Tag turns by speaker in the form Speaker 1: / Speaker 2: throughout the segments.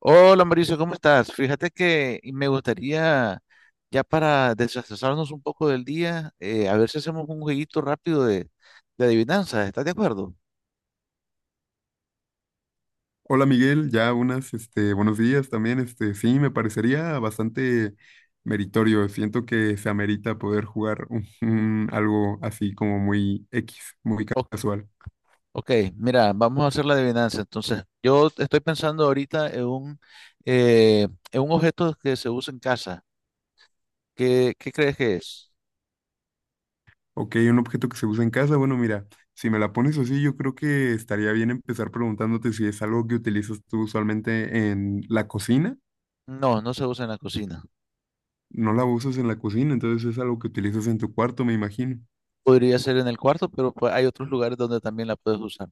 Speaker 1: Hola Mauricio, ¿cómo estás? Fíjate que me gustaría, ya para desestresarnos un poco del día, a ver si hacemos un jueguito rápido de adivinanzas. ¿Estás de acuerdo?
Speaker 2: Hola Miguel, ya unas, buenos días también, sí, me parecería bastante meritorio, siento que se amerita poder jugar un algo así como muy X, muy
Speaker 1: O-
Speaker 2: casual.
Speaker 1: ok, mira, vamos a hacer la adivinanza. Entonces, yo estoy pensando ahorita en en un objeto que se usa en casa. ¿Qué crees que es?
Speaker 2: Ok, un objeto que se usa en casa, bueno, mira, si me la pones así, yo creo que estaría bien empezar preguntándote si es algo que utilizas tú usualmente en la cocina,
Speaker 1: No, no se usa en la cocina.
Speaker 2: no la usas en la cocina, entonces es algo que utilizas en tu cuarto, me imagino.
Speaker 1: Podría ser en el cuarto, pero pues, hay otros lugares donde también la puedes usar.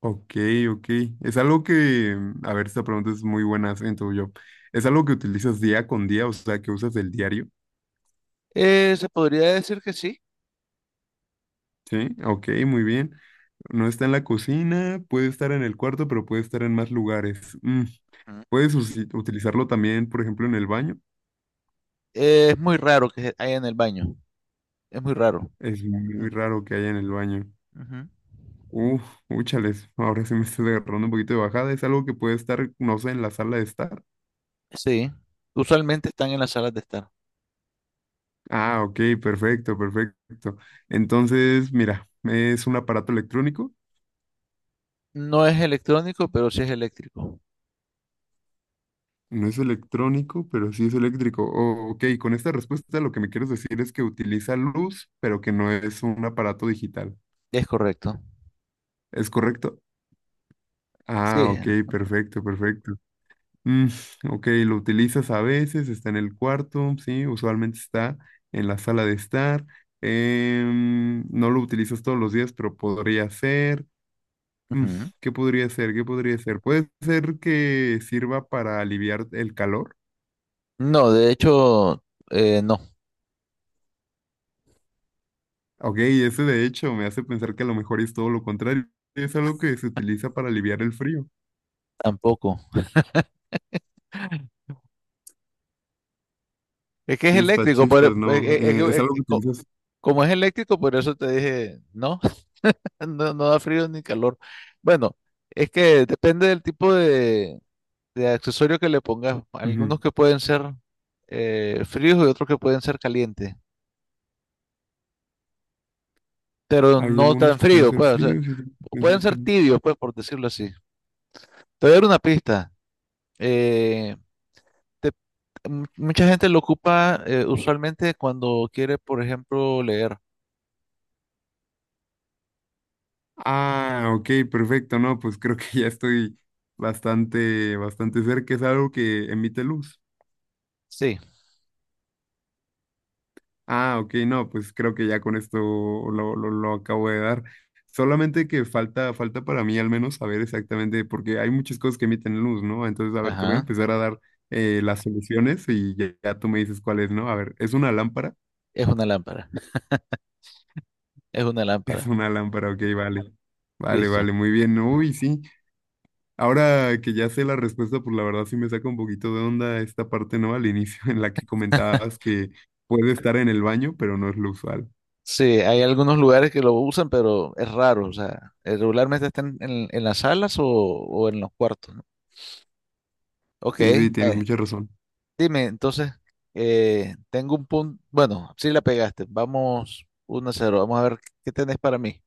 Speaker 2: Ok, ok. Es algo que, a ver, esta pregunta es muy buena, siento yo. ¿Es algo que utilizas día con día, o sea, que usas del diario?
Speaker 1: Se podría decir que sí.
Speaker 2: Sí, ok, muy bien. No está en la cocina, puede estar en el cuarto, pero puede estar en más lugares.
Speaker 1: Ujú.
Speaker 2: Puedes utilizarlo también, por ejemplo, en el baño.
Speaker 1: Es muy raro que haya en el baño. Es muy raro.
Speaker 2: Es muy
Speaker 1: Ujú,
Speaker 2: raro que haya en el baño.
Speaker 1: ujú.
Speaker 2: Uf, úchales, ahora sí me estoy agarrando un poquito de bajada. Es algo que puede estar, no sé, en la sala de estar.
Speaker 1: Sí, usualmente están en las salas de estar.
Speaker 2: Ah, ok, perfecto, perfecto. Entonces, mira, es un aparato electrónico.
Speaker 1: No es electrónico, pero sí es eléctrico.
Speaker 2: No es electrónico, pero sí es eléctrico. Oh, ok, con esta respuesta lo que me quieres decir es que utiliza luz, pero que no es un aparato digital.
Speaker 1: Es correcto.
Speaker 2: ¿Es correcto?
Speaker 1: Sí.
Speaker 2: Ah, ok, perfecto, perfecto. Mm, ok, lo utilizas a veces, está en el cuarto, sí, usualmente está en la sala de estar. No lo utilizas todos los días, pero podría ser. Mm,
Speaker 1: Ujú.
Speaker 2: ¿Qué podría ser? ¿Qué podría ser? Puede ser que sirva para aliviar el calor.
Speaker 1: No, de hecho, no,
Speaker 2: Ok, eso de hecho me hace pensar que a lo mejor es todo lo contrario. Es algo que se utiliza para aliviar el frío.
Speaker 1: tampoco. Es que es
Speaker 2: Chispas,
Speaker 1: eléctrico,
Speaker 2: chispas, no. Es algo que utilizas.
Speaker 1: como es eléctrico, por eso te dije, no, no, no da frío ni calor. Bueno, es que depende del tipo de accesorio que le pongas.
Speaker 2: Ujú.
Speaker 1: Algunos que pueden ser fríos y otros que pueden ser calientes. Pero
Speaker 2: Hay
Speaker 1: no
Speaker 2: algunos
Speaker 1: tan
Speaker 2: que pueden
Speaker 1: frío,
Speaker 2: ser
Speaker 1: pues, o sea,
Speaker 2: fríos y otros que pueden
Speaker 1: pueden
Speaker 2: ser
Speaker 1: ser
Speaker 2: cálidos.
Speaker 1: tibios, pues, por decirlo así. Te voy a dar una pista. Eh, te- Mucha gente lo ocupa usualmente cuando quiere, por ejemplo, leer.
Speaker 2: Ah, ok, perfecto. No, pues creo que ya estoy bastante, bastante cerca. Es algo que emite luz.
Speaker 1: Sí,
Speaker 2: Ah, ok, no, pues creo que ya con esto lo acabo de dar. Solamente que falta, falta para mí al menos saber exactamente, porque hay muchas cosas que emiten luz, ¿no? Entonces, a ver, te voy a
Speaker 1: ajá,
Speaker 2: empezar a dar las soluciones y ya, ya tú me dices cuál es, ¿no? A ver, ¿es una lámpara?
Speaker 1: es una lámpara, es una
Speaker 2: Es
Speaker 1: lámpara,
Speaker 2: una lámpara, ok, vale. Vale,
Speaker 1: listo.
Speaker 2: vale, muy bien. Uy, sí. Ahora que ya sé la respuesta, pues la verdad sí me saca un poquito de onda esta parte, ¿no? Al inicio en la que comentabas que puede estar en el baño, pero no es lo usual.
Speaker 1: Sí, hay algunos lugares que lo usan, pero es raro, o sea, regularmente están en las salas o en los cuartos, ¿no? Ok,
Speaker 2: Sí, sí, tienes mucha razón.
Speaker 1: dime, entonces, tengo un punto. Bueno, sí la pegaste. Vamos uno a 0. Vamos a ver qué tenés para mí.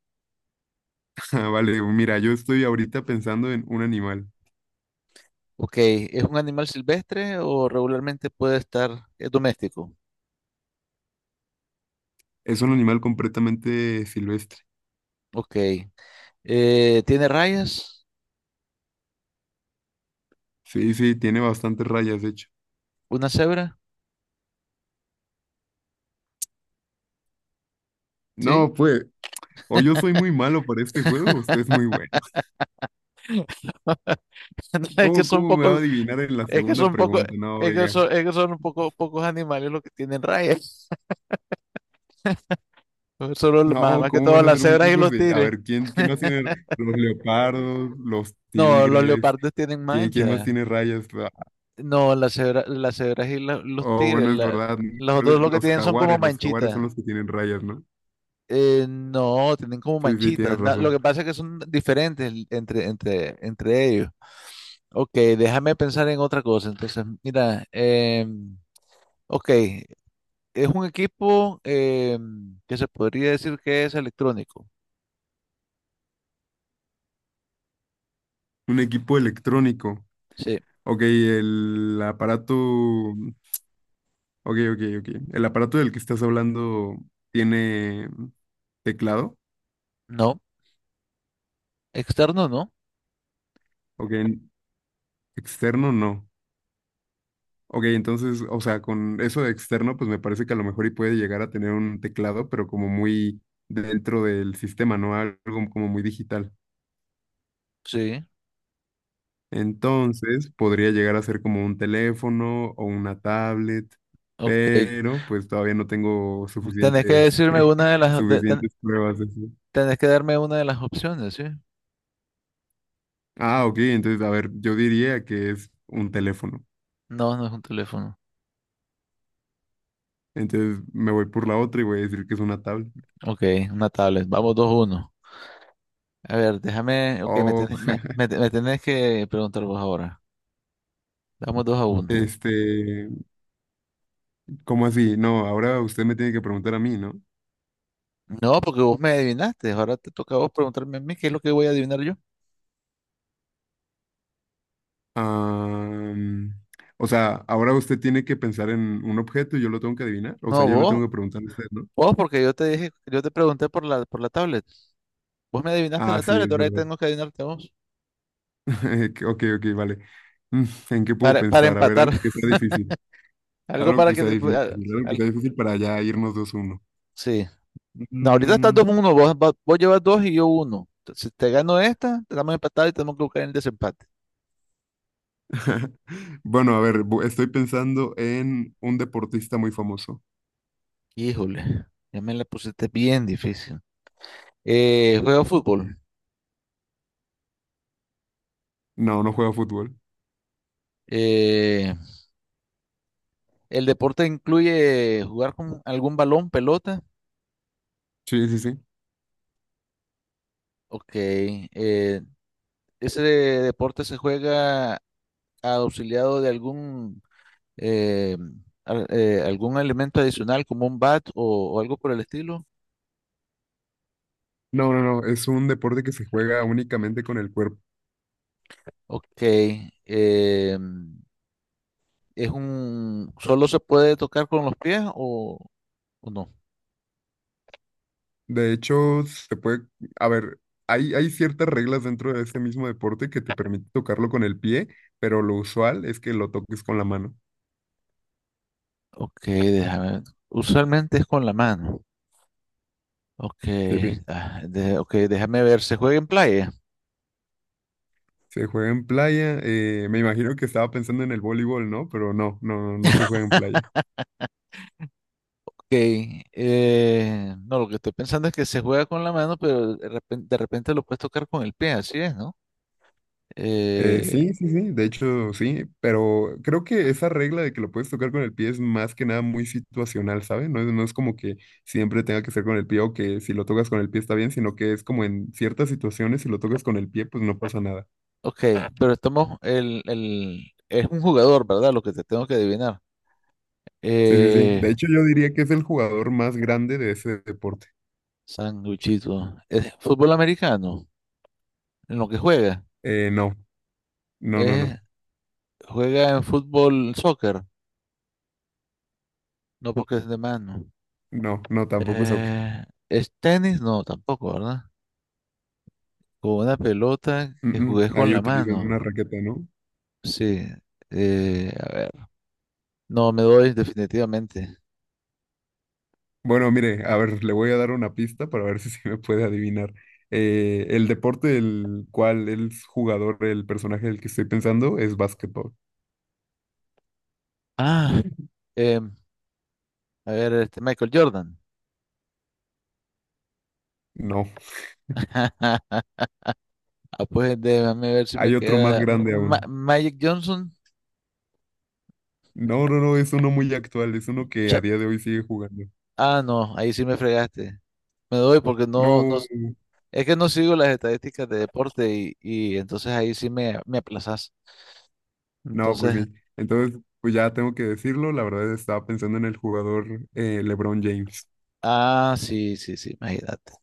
Speaker 2: Ah, vale, mira, yo estoy ahorita pensando en un animal.
Speaker 1: Ok, ¿es un animal silvestre o regularmente puede estar es doméstico?
Speaker 2: Es un animal completamente silvestre.
Speaker 1: Ok, ¿tiene rayas?
Speaker 2: Sí, sí, tiene bastantes rayas, de hecho.
Speaker 1: ¿Una cebra? ¿Sí?
Speaker 2: No, pues, o yo soy muy malo para este juego, o usted es muy bueno.
Speaker 1: Es que son
Speaker 2: Cómo me va a
Speaker 1: pocos,
Speaker 2: adivinar en la
Speaker 1: es que
Speaker 2: segunda
Speaker 1: son pocos,
Speaker 2: pregunta? No, oiga.
Speaker 1: es que son un poco, pocos animales los que tienen rayas. Solo,
Speaker 2: No,
Speaker 1: más que
Speaker 2: ¿cómo
Speaker 1: todas
Speaker 2: van a
Speaker 1: las
Speaker 2: ser muy
Speaker 1: cebras y
Speaker 2: pocos?
Speaker 1: los
Speaker 2: Sí, a
Speaker 1: tigres.
Speaker 2: ver, quién más tiene los leopardos, los
Speaker 1: No, los
Speaker 2: tigres?
Speaker 1: leopardos tienen
Speaker 2: Quién más
Speaker 1: manchas.
Speaker 2: tiene rayas? Ah,
Speaker 1: No, las cebras y los
Speaker 2: oh,
Speaker 1: tigres,
Speaker 2: bueno, es verdad. ¿No?
Speaker 1: los otros lo que tienen son como
Speaker 2: Los jaguares
Speaker 1: manchitas.
Speaker 2: son los que tienen rayas, ¿no?
Speaker 1: No, tienen como
Speaker 2: Sí, sí,
Speaker 1: manchitas.
Speaker 2: tienes
Speaker 1: Lo
Speaker 2: razón.
Speaker 1: que pasa es que son diferentes entre ellos. Ok, déjame pensar en otra cosa. Entonces, mira, em, ok, es un equipo em, que se podría decir que es electrónico.
Speaker 2: Un equipo electrónico.
Speaker 1: Sí,
Speaker 2: Ok, el aparato. Ok, ok. El aparato del que estás hablando tiene teclado.
Speaker 1: no, externo no.
Speaker 2: Ok, externo no. Ok, entonces, o sea, con eso de externo, pues me parece que a lo mejor y puede llegar a tener un teclado, pero como muy dentro del sistema, ¿no? Algo como muy digital.
Speaker 1: Sí,
Speaker 2: Entonces, podría llegar a ser como un teléfono o una tablet,
Speaker 1: ok.
Speaker 2: pero pues todavía no tengo
Speaker 1: Tenés que
Speaker 2: suficientes,
Speaker 1: decirme una de
Speaker 2: suficientes pruebas. De eso.
Speaker 1: tenés que darme una de las opciones, ¿sí?
Speaker 2: Ah, ok, entonces, a ver, yo diría que es un teléfono.
Speaker 1: No, no es un teléfono.
Speaker 2: Entonces me voy por la otra y voy a decir que es una tablet.
Speaker 1: Ok, una tablet. Vamos 2 uno. A ver, déjame. Ok,
Speaker 2: Oh,
Speaker 1: me tenés que preguntar vos ahora. Vamos dos a uno.
Speaker 2: este, ¿cómo así? No, ahora usted me tiene que preguntar a mí, ¿no?
Speaker 1: No, porque vos me adivinaste. Ahora te toca a vos preguntarme a mí qué es lo que voy a adivinar yo.
Speaker 2: Ah, o sea, ahora usted tiene que pensar en un objeto y yo lo tengo que adivinar. O sea,
Speaker 1: No,
Speaker 2: yo le
Speaker 1: vos.
Speaker 2: tengo que preguntar a usted, ¿no?
Speaker 1: Vos, porque yo te pregunté por por la tablet. Vos me adivinaste
Speaker 2: Ah,
Speaker 1: la
Speaker 2: sí,
Speaker 1: tablet,
Speaker 2: es
Speaker 1: ahora
Speaker 2: verdad.
Speaker 1: tengo que adivinarte a vos.
Speaker 2: Que- Ok, ok, vale. Mm, ¿en qué puedo
Speaker 1: Para
Speaker 2: pensar? A ver,
Speaker 1: empatar.
Speaker 2: algo que sea difícil.
Speaker 1: Algo
Speaker 2: Algo
Speaker 1: para
Speaker 2: que
Speaker 1: que
Speaker 2: sea
Speaker 1: te.
Speaker 2: difícil, algo que
Speaker 1: Al-
Speaker 2: sea difícil para ya irnos 2-1.
Speaker 1: sí. No, ahorita estás 2 uno. Vos llevas 2 y yo 1. Si te gano esta, estamos empatados y tenemos que buscar el desempate.
Speaker 2: Bueno, a ver, estoy pensando en un deportista muy famoso.
Speaker 1: Híjole, ya me la pusiste bien difícil. Juego fútbol.
Speaker 2: No, no juega fútbol.
Speaker 1: Eh, ¿El deporte incluye jugar con algún balón, pelota?
Speaker 2: Sí, sí, sí.
Speaker 1: Ok. ¿Ese deporte se juega auxiliado de eh, algún elemento adicional como un bat o algo por el estilo?
Speaker 2: No, no, no, es un deporte que se juega únicamente con el cuerpo.
Speaker 1: Ok. eh, ¿Es un, solo se puede tocar con los pies o no?
Speaker 2: De hecho, se puede, a ver, hay ciertas reglas dentro de este mismo deporte que te permite tocarlo con el pie, pero lo usual es que lo toques con la mano.
Speaker 1: Ok, déjame ver. Usualmente es con la mano. Ok,
Speaker 2: Sí, bien.
Speaker 1: ok, déjame ver, ¿se juega en playa?
Speaker 2: Se juega en playa. Me imagino que estaba pensando en el voleibol, ¿no? Pero no, no no se juega en playa.
Speaker 1: Ok, no, lo que estoy pensando es que se juega con la mano, pero de repente, lo puedes tocar con el pie, así es, ¿no? Eh,
Speaker 2: Sí, sí, sí, de hecho sí, pero creo que esa regla de que lo puedes tocar con el pie es más que nada muy situacional, ¿sabes? No es como que siempre tenga que ser con el pie o que si lo tocas con el pie está bien, sino que es como en ciertas situaciones si lo tocas con el pie pues no pasa nada.
Speaker 1: ok, pero estamos, es un jugador, ¿verdad? Lo que te tengo que adivinar.
Speaker 2: Sí, sí, sí,
Speaker 1: Eh,
Speaker 2: de hecho yo diría que es el jugador más grande de ese deporte.
Speaker 1: sanguchito, ¿es fútbol americano? En lo que juega,
Speaker 2: No, no, no,
Speaker 1: ¿Es-
Speaker 2: no,
Speaker 1: ¿juega en fútbol, soccer, no porque es de mano?
Speaker 2: no, tampoco es soccer.
Speaker 1: Eh, ¿Es tenis? No, tampoco, ¿verdad? Con una pelota que jugué con
Speaker 2: Ahí
Speaker 1: la
Speaker 2: utilizan
Speaker 1: mano.
Speaker 2: una raqueta, ¿no?
Speaker 1: Sí. Eh, a ver. No, me doy definitivamente.
Speaker 2: Bueno, mire, a ver, le voy a dar una pista para ver si se me puede adivinar. El deporte del cual el jugador, el personaje del que estoy pensando, es básquetbol.
Speaker 1: Ah, em, a ver, este Michael Jordan.
Speaker 2: No,
Speaker 1: Ah, pues déjame ver si me
Speaker 2: hay otro más
Speaker 1: queda.
Speaker 2: grande aún.
Speaker 1: Magic Johnson.
Speaker 2: No, no, no, es uno muy actual, es uno que
Speaker 1: Cha-
Speaker 2: a día de hoy sigue jugando.
Speaker 1: ah, no, ahí sí me fregaste. Me doy porque no, no,
Speaker 2: No,
Speaker 1: es que no sigo las estadísticas de deporte y entonces ahí sí me aplazas.
Speaker 2: no, pues
Speaker 1: Entonces,
Speaker 2: sí. Entonces, pues ya tengo que decirlo, la verdad estaba pensando en el jugador LeBron James.
Speaker 1: ah, sí, sí, sí, imagínate.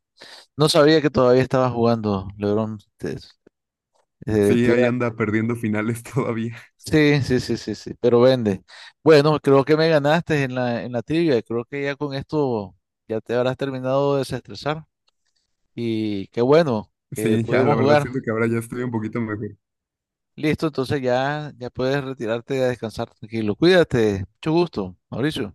Speaker 1: No sabía que todavía estaba jugando, LeBron. Te,
Speaker 2: Sí,
Speaker 1: te
Speaker 2: ahí
Speaker 1: iba.
Speaker 2: anda perdiendo finales todavía.
Speaker 1: Sí, sí, sí, sí, sí, pero vende. Bueno, creo que me ganaste en en la trivia. Creo que ya con esto ya te habrás terminado de desestresar. Y qué bueno que
Speaker 2: Sí, ya, la
Speaker 1: pudimos
Speaker 2: verdad
Speaker 1: jugar.
Speaker 2: siento que ahora ya estoy un poquito mejor.
Speaker 1: Listo, entonces ya, ya puedes retirarte a descansar tranquilo. Cuídate, mucho gusto, Mauricio.